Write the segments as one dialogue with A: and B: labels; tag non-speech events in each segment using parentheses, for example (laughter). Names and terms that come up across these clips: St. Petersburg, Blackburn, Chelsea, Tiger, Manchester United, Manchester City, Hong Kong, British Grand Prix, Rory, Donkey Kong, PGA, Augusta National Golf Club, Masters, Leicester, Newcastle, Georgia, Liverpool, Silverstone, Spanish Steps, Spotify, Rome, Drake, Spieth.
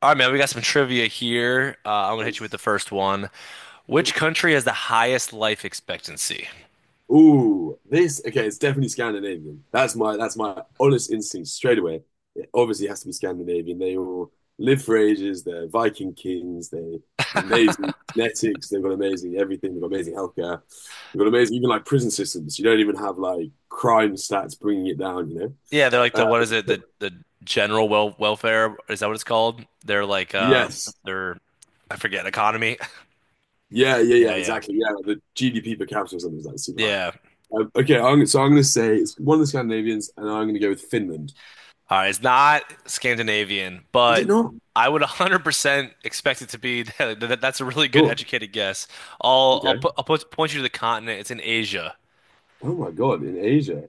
A: All right, man, we got some trivia here. I'm gonna hit you with the
B: Nice.
A: first one. Which
B: Cool.
A: country has the highest life expectancy?
B: Ooh, this, okay, it's definitely Scandinavian. That's my honest instinct straight away. It obviously has to be Scandinavian. They all live for ages, they're Viking kings, they have amazing genetics, they've got amazing everything, they've got amazing healthcare, they've got amazing even like prison systems. You don't even have like crime stats bringing it down, you know?
A: Yeah, they're like
B: Uh,
A: the what is it? The
B: so-
A: the general well welfare is that what it's called? They're like
B: yes.
A: they're I forget economy. (laughs)
B: Yeah, yeah, yeah,
A: Yeah, yeah,
B: exactly. Yeah, the GDP per capita or something is like super high.
A: yeah.
B: Okay, so I'm going to say it's one of the Scandinavians, and I'm going to go with Finland.
A: All right, it's not Scandinavian,
B: Is
A: but
B: it not?
A: I would 100% expect it to be (laughs) that's a really good
B: Sure.
A: educated guess.
B: Okay.
A: Point you to the continent. It's in Asia,
B: Oh my God, in Asia.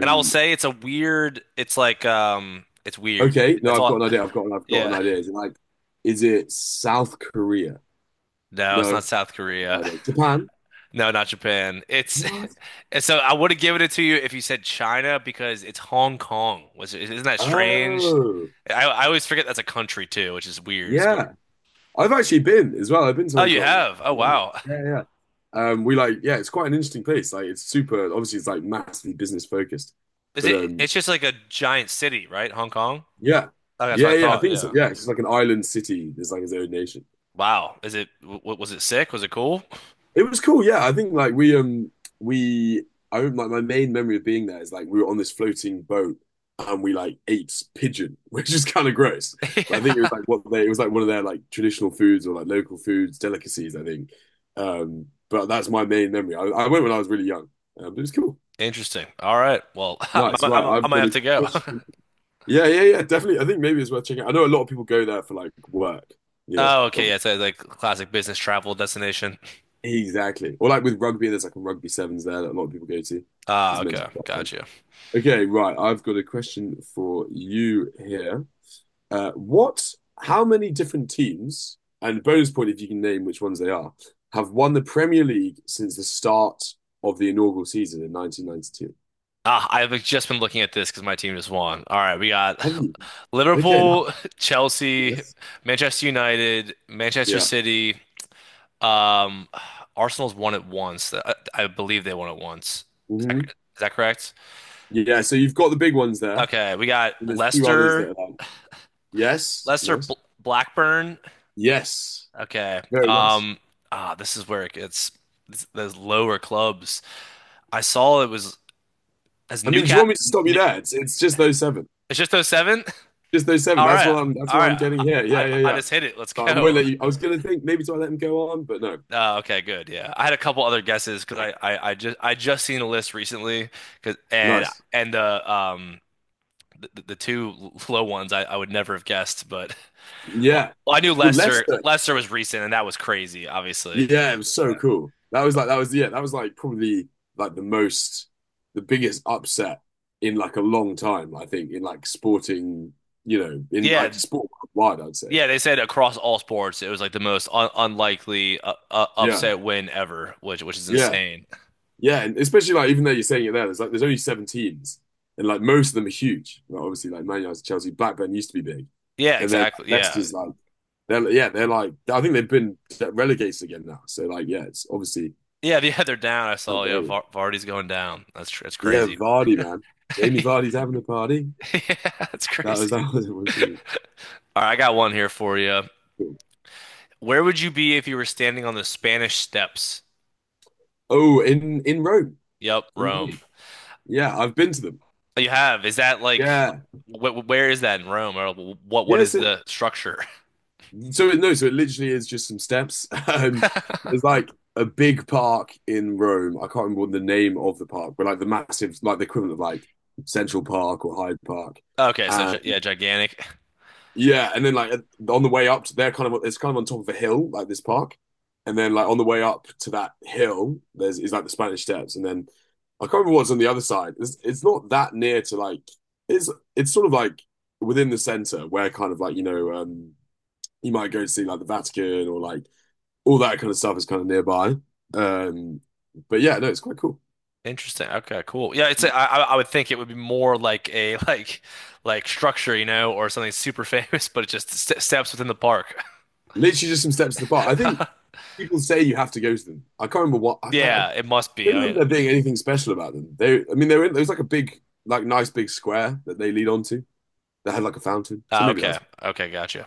A: and I will say it's a weird. It's like it's weird.
B: okay. No,
A: That's
B: I've
A: all.
B: got an idea. I've got an
A: Yeah.
B: idea. Is it like, is it South Korea?
A: No, it's
B: No.
A: not South
B: I
A: Korea. (laughs)
B: don't- Japan?
A: No, not Japan. It's
B: What?
A: (laughs) So I would have given it to you if you said China, because it's Hong Kong. Was it, isn't that strange?
B: Oh,
A: I always forget that's a country too, which is weird. It's very-
B: yeah. I've actually been as well. I've been to
A: Oh,
B: Hong
A: you
B: Kong.
A: have. Oh, wow.
B: Yeah, yeah. We like, yeah, it's quite an interesting place. Like, it's super, obviously, it's like massively business focused.
A: (laughs) Is
B: But
A: it it's just like a giant city, right? Hong Kong?
B: yeah,
A: Oh, that's what
B: yeah,
A: I
B: yeah. I
A: thought.
B: think so.
A: Yeah.
B: Yeah, it's just like an island city. There's like its own nation.
A: Wow. Is it w was it sick? Was it cool?
B: It was cool, yeah. I think like we I remember, like my main memory of being there is like we were on this floating boat and we like ate pigeon, (laughs) which is kind of gross.
A: (laughs)
B: But I think it
A: Yeah.
B: was like what they it was like one of their like traditional foods or like local foods, delicacies, I think. But that's my main memory. I went when I was really young. But it was cool.
A: Interesting. All right. Well, (laughs)
B: Nice, right.
A: I
B: I've
A: might
B: got
A: have
B: a
A: to go.
B: question.
A: (laughs)
B: Yeah, yeah, yeah, definitely. I think maybe it's worth checking out. I know a lot of people go there for like work, you
A: Oh,
B: know.
A: okay. Yeah, it's a, like classic business travel destination.
B: Exactly. Or like with rugby, there's like a rugby sevens there that a lot of people go to.
A: Ah,
B: It's meant to
A: okay.
B: be quite fun.
A: Gotcha.
B: Okay, right. I've got a question for you here. Uh, what, how many different teams, and bonus point if you can name which ones they are, have won the Premier League since the start of the inaugural season in 1992?
A: Ah, I've just been looking at this because my team just won. All right, we got
B: Have you?
A: (laughs)
B: Okay,
A: Liverpool,
B: nice.
A: Chelsea,
B: Yes.
A: Manchester United, Manchester
B: Yeah.
A: City. Um, Arsenal's won it once. I believe they won it once. Is that,
B: Hmm.
A: is that correct?
B: Yeah, so you've got the big ones there,
A: Okay, we got
B: and there's a few others that
A: Leicester,
B: are like, yes,
A: Leicester
B: nice.
A: Bl Blackburn.
B: Yes.
A: Okay.
B: Very nice.
A: This is where it gets those lower clubs. I saw it was as
B: I mean, do you want
A: Newcastle.
B: me to stop you
A: It's
B: there? It's just those seven.
A: just those seven.
B: Just those seven.
A: All
B: That's
A: right.
B: what I'm that's
A: All
B: what
A: right.
B: I'm getting
A: I,
B: here.
A: I
B: Yeah, yeah,
A: I
B: yeah.
A: just hit it. Let's
B: I won't
A: go.
B: let
A: (laughs)
B: you I was gonna think maybe do I let him go on, but no.
A: Okay, good. Yeah. I had a couple other guesses because I just seen a list recently 'cause- and
B: Nice.
A: and the two low ones I would never have guessed, but (laughs) well,
B: Yeah.
A: well, I knew
B: Well,
A: Lester
B: Leicester.
A: Lester was recent and that was crazy, obviously.
B: Yeah, it was so
A: Yeah.
B: cool. That was like that was yeah, that was like probably like the most the biggest upset in like a long time, I think, in like sporting, you know, in like
A: Yeah,
B: sport wide, I'd say.
A: yeah, they said across all sports it was like the most un unlikely
B: Yeah.
A: upset win ever, which is
B: Yeah.
A: insane.
B: Yeah, and especially like even though you're saying it there, there's only seven teams, and like most of them are huge. Like, obviously, like Man United, Chelsea, Blackburn used to be big,
A: Yeah,
B: and then like
A: exactly. Yeah,
B: Leicester's like they're like I think they've been relegated again now. So like yeah, it's obviously
A: yeah, yeah, they're (laughs) down. I
B: not
A: saw. Yeah,
B: growing.
A: Vardy's going down. That's
B: Yeah,
A: crazy.
B: Vardy, man, Jamie
A: (laughs)
B: Vardy's having a party.
A: Yeah, that's
B: That was (laughs)
A: crazy.
B: that was one thing.
A: All right, I got one here for you. Where would you be if you were standing on the Spanish Steps?
B: Oh, in Rome,
A: Yep,
B: in
A: Rome.
B: Rome. Yeah, I've been to them.
A: Oh, you have. Is that like,
B: Yeah,
A: wh where is that in Rome, or what? What is
B: yes.
A: the structure?
B: No, so it literally is just some steps. (laughs)
A: (laughs)
B: There's like a big park in Rome. I can't remember what the name of the park, but like the massive, like the equivalent of like Central Park or Hyde Park.
A: Okay, so
B: And
A: yeah, gigantic.
B: yeah, and then like on the way up to there, kind of it's kind of on top of a hill, like this park. And then like on the way up to that hill, there's is like the Spanish Steps, and then I can't remember what's on the other side. It's not that near to like it's it's sort of like within the center where kind of like you might go see like the Vatican or like all that kind of stuff is kind of nearby. Um, but yeah, no, it's quite cool.
A: Interesting. Okay, cool. Yeah, it's. A, I would think it would be more like a (laughs) like structure, or something super (laughs) famous, but it just st steps within the park. (laughs)
B: Literally just some steps to the park. I think people say you have to go to them. I can't remember what I like. I
A: Yeah, it must be.
B: don't
A: I mean,
B: remember there being anything special about them. They, I mean, they were in, there was like a big, like nice big square that they lead onto that had like a fountain. So
A: ah,
B: maybe
A: okay.
B: that's
A: Okay, gotcha.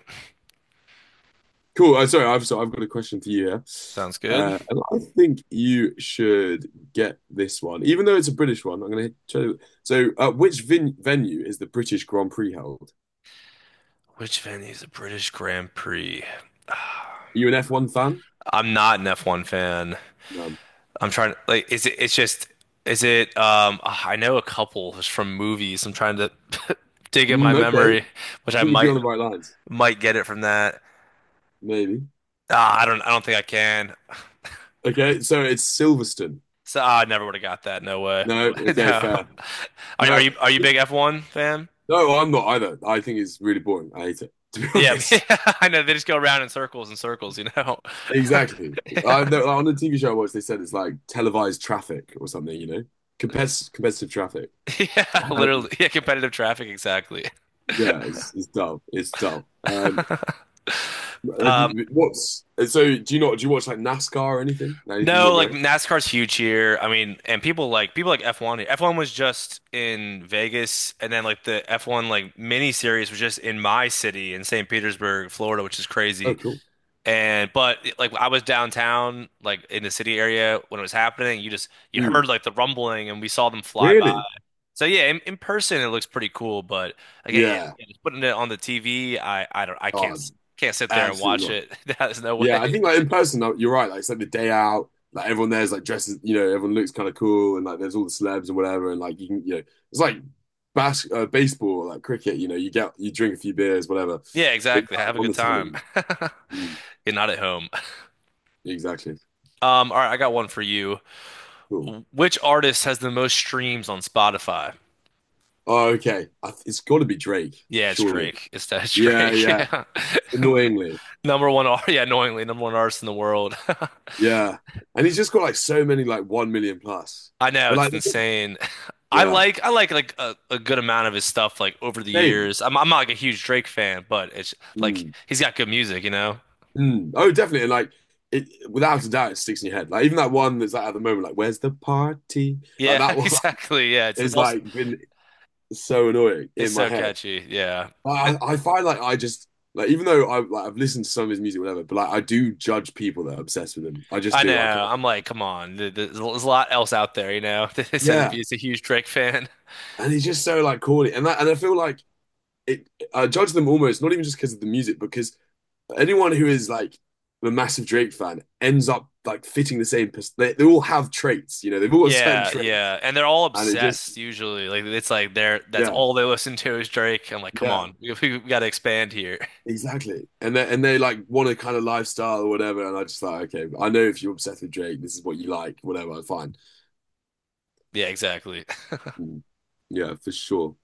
B: cool. Sorry, I've so I've got a question for you here.
A: Sounds good.
B: And I think you should get this one, even though it's a British one. I'm going to show you. So, which vin venue is the British Grand Prix held?
A: Which venue is the British Grand Prix?
B: You an F1 fan?
A: I'm not an F1 fan.
B: No.
A: I'm trying to like is it it's just I know a couple is from movies. I'm trying to (laughs) dig in my
B: Mm, okay.
A: memory, which
B: I
A: I
B: think you'd be on the right lines.
A: might get it from that.
B: Maybe.
A: Ah, I don't think I can.
B: Okay, so it's Silverstone.
A: So I never would have got that. No way. (laughs)
B: No, okay,
A: No.
B: fair.
A: Are, are
B: No,
A: you are you a big F1 fan?
B: no, I'm not either. I think it's really boring. I hate it, to be (laughs)
A: Yeah,
B: honest.
A: (laughs) I know they just go around in circles and circles. (laughs)
B: Exactly. I No, on the TV show I watched, they said it's like televised traffic or something, you know? Competitive, competitive traffic.
A: (laughs) Yeah,
B: Um,
A: literally. Yeah, competitive traffic, exactly.
B: yeah, it's dull. It's dull. Have
A: Um,
B: you, what's so? Do you not, do you watch like NASCAR or anything? Like, anything more
A: no, like
B: American?
A: NASCAR's huge here. I mean, and people like F1. F1 was just in Vegas, and then like the F1 like mini series was just in my city in St. Petersburg, Florida, which is
B: Oh,
A: crazy.
B: cool.
A: And but like I was downtown, like in the city area when it was happening, you
B: Hmm.
A: heard like the rumbling, and we saw them fly by.
B: Really?
A: So yeah, in person it looks pretty cool, but again, yeah,
B: Yeah.
A: yeah, just putting it on the TV, I don't I
B: Oh,
A: can't sit there and
B: absolutely
A: watch
B: not.
A: it. (laughs) There's no
B: Yeah,
A: way.
B: I think like in person, like, you're right. Like it's like the day out, like everyone there's like dresses, you know, everyone looks kind of cool, and like there's all the celebs and whatever, and like you can, you know, it's like baseball, like cricket. You know, you get you drink a few beers, whatever.
A: Yeah,
B: But yeah,
A: exactly. Have
B: like,
A: a
B: on
A: good
B: the
A: time.
B: telly, mm,
A: (laughs) You're not at home.
B: exactly.
A: All right, I got one for you.
B: Cool.
A: Which artist has the most streams on Spotify?
B: Oh, okay. I th it's got to be Drake,
A: Yeah, it's
B: surely.
A: Drake. It's
B: Yeah,
A: Drake. (laughs)
B: yeah.
A: Yeah. (laughs)
B: Annoyingly,
A: Number one, yeah, annoyingly, number one artist in the world. (laughs)
B: yeah. And he's just got like so many like 1 million plus.
A: I know
B: But
A: it's
B: like,
A: insane. (laughs) I
B: yeah,
A: like I like a good amount of his stuff like over the
B: same.
A: years. I'm not like a huge Drake fan, but it's like
B: Mm.
A: he's got good music, you know?
B: Mm. Oh, definitely. And like it without a doubt, it sticks in your head. Like even that one that's like at the moment, like "Where's the party?" Like
A: Yeah, (laughs)
B: that one
A: exactly. Yeah,
B: (laughs) is like been so annoying
A: it's
B: in my
A: so
B: head.
A: catchy. Yeah. Uh,
B: Like, I find like I just like even though I've listened to some of his music, whatever, but like I do judge people that are obsessed with him. I just
A: I
B: do. I can't.
A: know. I'm like, come on. There's a lot else out there. (laughs) They said it'd
B: Yeah,
A: be it's a huge Drake fan. (laughs)
B: and he's just so like corny, and that, and I feel like it. I judge them almost not even just because of the music, because anyone who is like a massive Drake fan ends up like fitting the same, they all have traits, you know. They've all got certain
A: Yeah,
B: traits,
A: yeah. And they're all
B: and it
A: obsessed
B: just
A: usually. Like it's like they're that's
B: yeah,
A: all they listen to is Drake. I'm like, come
B: yeah,
A: on. (laughs) We gotta expand here. (laughs)
B: exactly. And they like want a kind of lifestyle or whatever, and I just like, okay, I know if you're obsessed with Drake, this is what you like, whatever, fine.
A: Yeah, exactly.
B: Mm, yeah, for sure.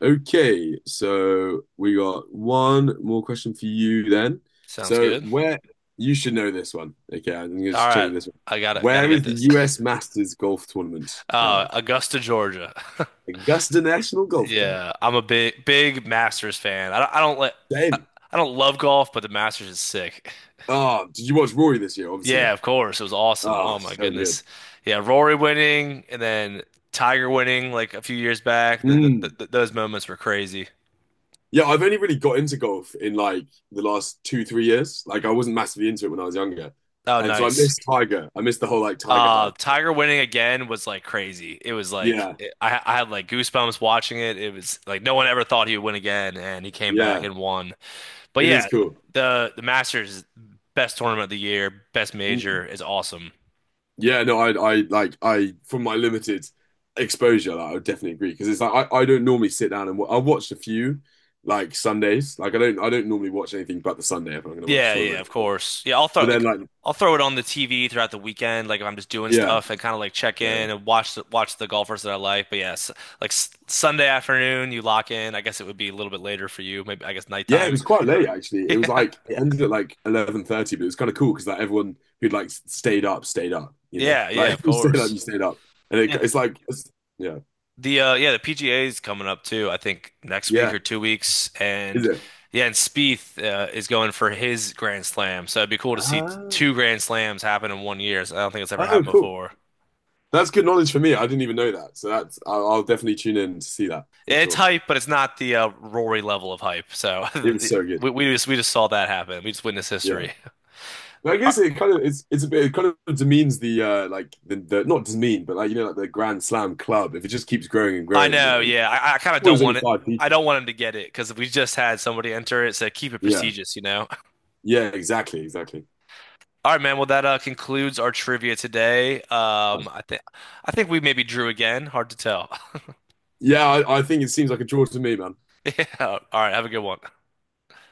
B: Okay, so we got one more question for you then.
A: (laughs) Sounds
B: So
A: good.
B: where? You should know this one. Okay, I'm gonna
A: All
B: just check
A: right.
B: you this one.
A: I gotta
B: Where
A: get
B: is the
A: this.
B: U.S. Masters golf tournament held?
A: Augusta, Georgia. (laughs)
B: Augusta National Golf Club.
A: Yeah, I'm a big Masters fan. I,
B: Damn.
A: I don't love golf, but the Masters is sick.
B: Ah, did you watch Rory this year? Obviously.
A: Yeah, of course. It was awesome.
B: Ah,
A: Oh my
B: so good.
A: goodness. Yeah, Rory winning and then Tiger winning like a few years back. The, the,
B: Mm.
A: the, those moments were crazy.
B: Yeah, I've only really got into golf in like the last two, 3 years. Like I wasn't massively into it when I was younger.
A: Oh,
B: And so I
A: nice.
B: missed Tiger. I missed the whole like Tiger hype.
A: Tiger winning again was like crazy. It was like
B: Yeah,
A: I had like goosebumps watching it. It was like no one ever thought he would win again, and he came back
B: yeah.
A: and won. But
B: It is
A: yeah,
B: cool.
A: the Masters best tournament of the year, best
B: Mm.
A: major is awesome.
B: Yeah, no, I like I from my limited exposure, like, I would definitely agree. Because it's like I don't normally sit down and I watched a few like Sundays. Like I don't normally watch anything but the Sunday if I'm gonna watch a
A: Yeah, yeah,
B: tournament.
A: of course. Yeah,
B: But then like
A: I'll throw it on the TV throughout the weekend, like if I'm just doing
B: yeah,
A: stuff and kind of like check
B: yeah.
A: in and watch the golfers that I like. But yes, like s Sunday afternoon, you lock in. I guess it would be a little bit later for you, maybe I guess
B: Yeah, it
A: nighttime.
B: was
A: (laughs)
B: quite late actually. It was
A: Yeah,
B: like it ended at like 11:30, but it was kind of cool because like everyone who'd like stayed up stayed up. You know,
A: yeah, yeah,
B: like
A: of
B: (laughs)
A: course.
B: you stayed up, and it,
A: Yeah,
B: it's like it's- yeah,
A: Yeah, the PGA is coming up too, I think next week
B: yeah.
A: or 2 weeks.
B: Is
A: And
B: it?
A: yeah, and Spieth is going for his Grand Slam. So it'd be cool to see
B: Ah,
A: two Grand Slams happen in one year. So I don't think it's ever
B: oh,
A: happened
B: cool.
A: before.
B: That's good knowledge for me. I didn't even know that. So that's I'll definitely tune in to see that for
A: Yeah, it's
B: sure.
A: hype, but it's not the Rory level of hype. So
B: It
A: (laughs)
B: was so good.
A: we just saw that happen. We just witnessed
B: Yeah,
A: history.
B: but I
A: I,
B: guess it kind of it's a bit it kind of demeans the like the not demean but like you know like the Grand Slam club if it just keeps growing and
A: I
B: growing. You
A: know,
B: know,
A: yeah. I kind of
B: well,
A: don't
B: there's only
A: want it.
B: five
A: I
B: people.
A: don't want him to get it because we just had somebody enter it, so keep it
B: Yeah,
A: prestigious, you know?
B: yeah, exactly, exactly.
A: All right, man. Well, that concludes our trivia today. I think we maybe drew again. Hard to tell.
B: Yeah, I think it seems like a draw to me, man.
A: (laughs) Yeah. All right. Have a good one.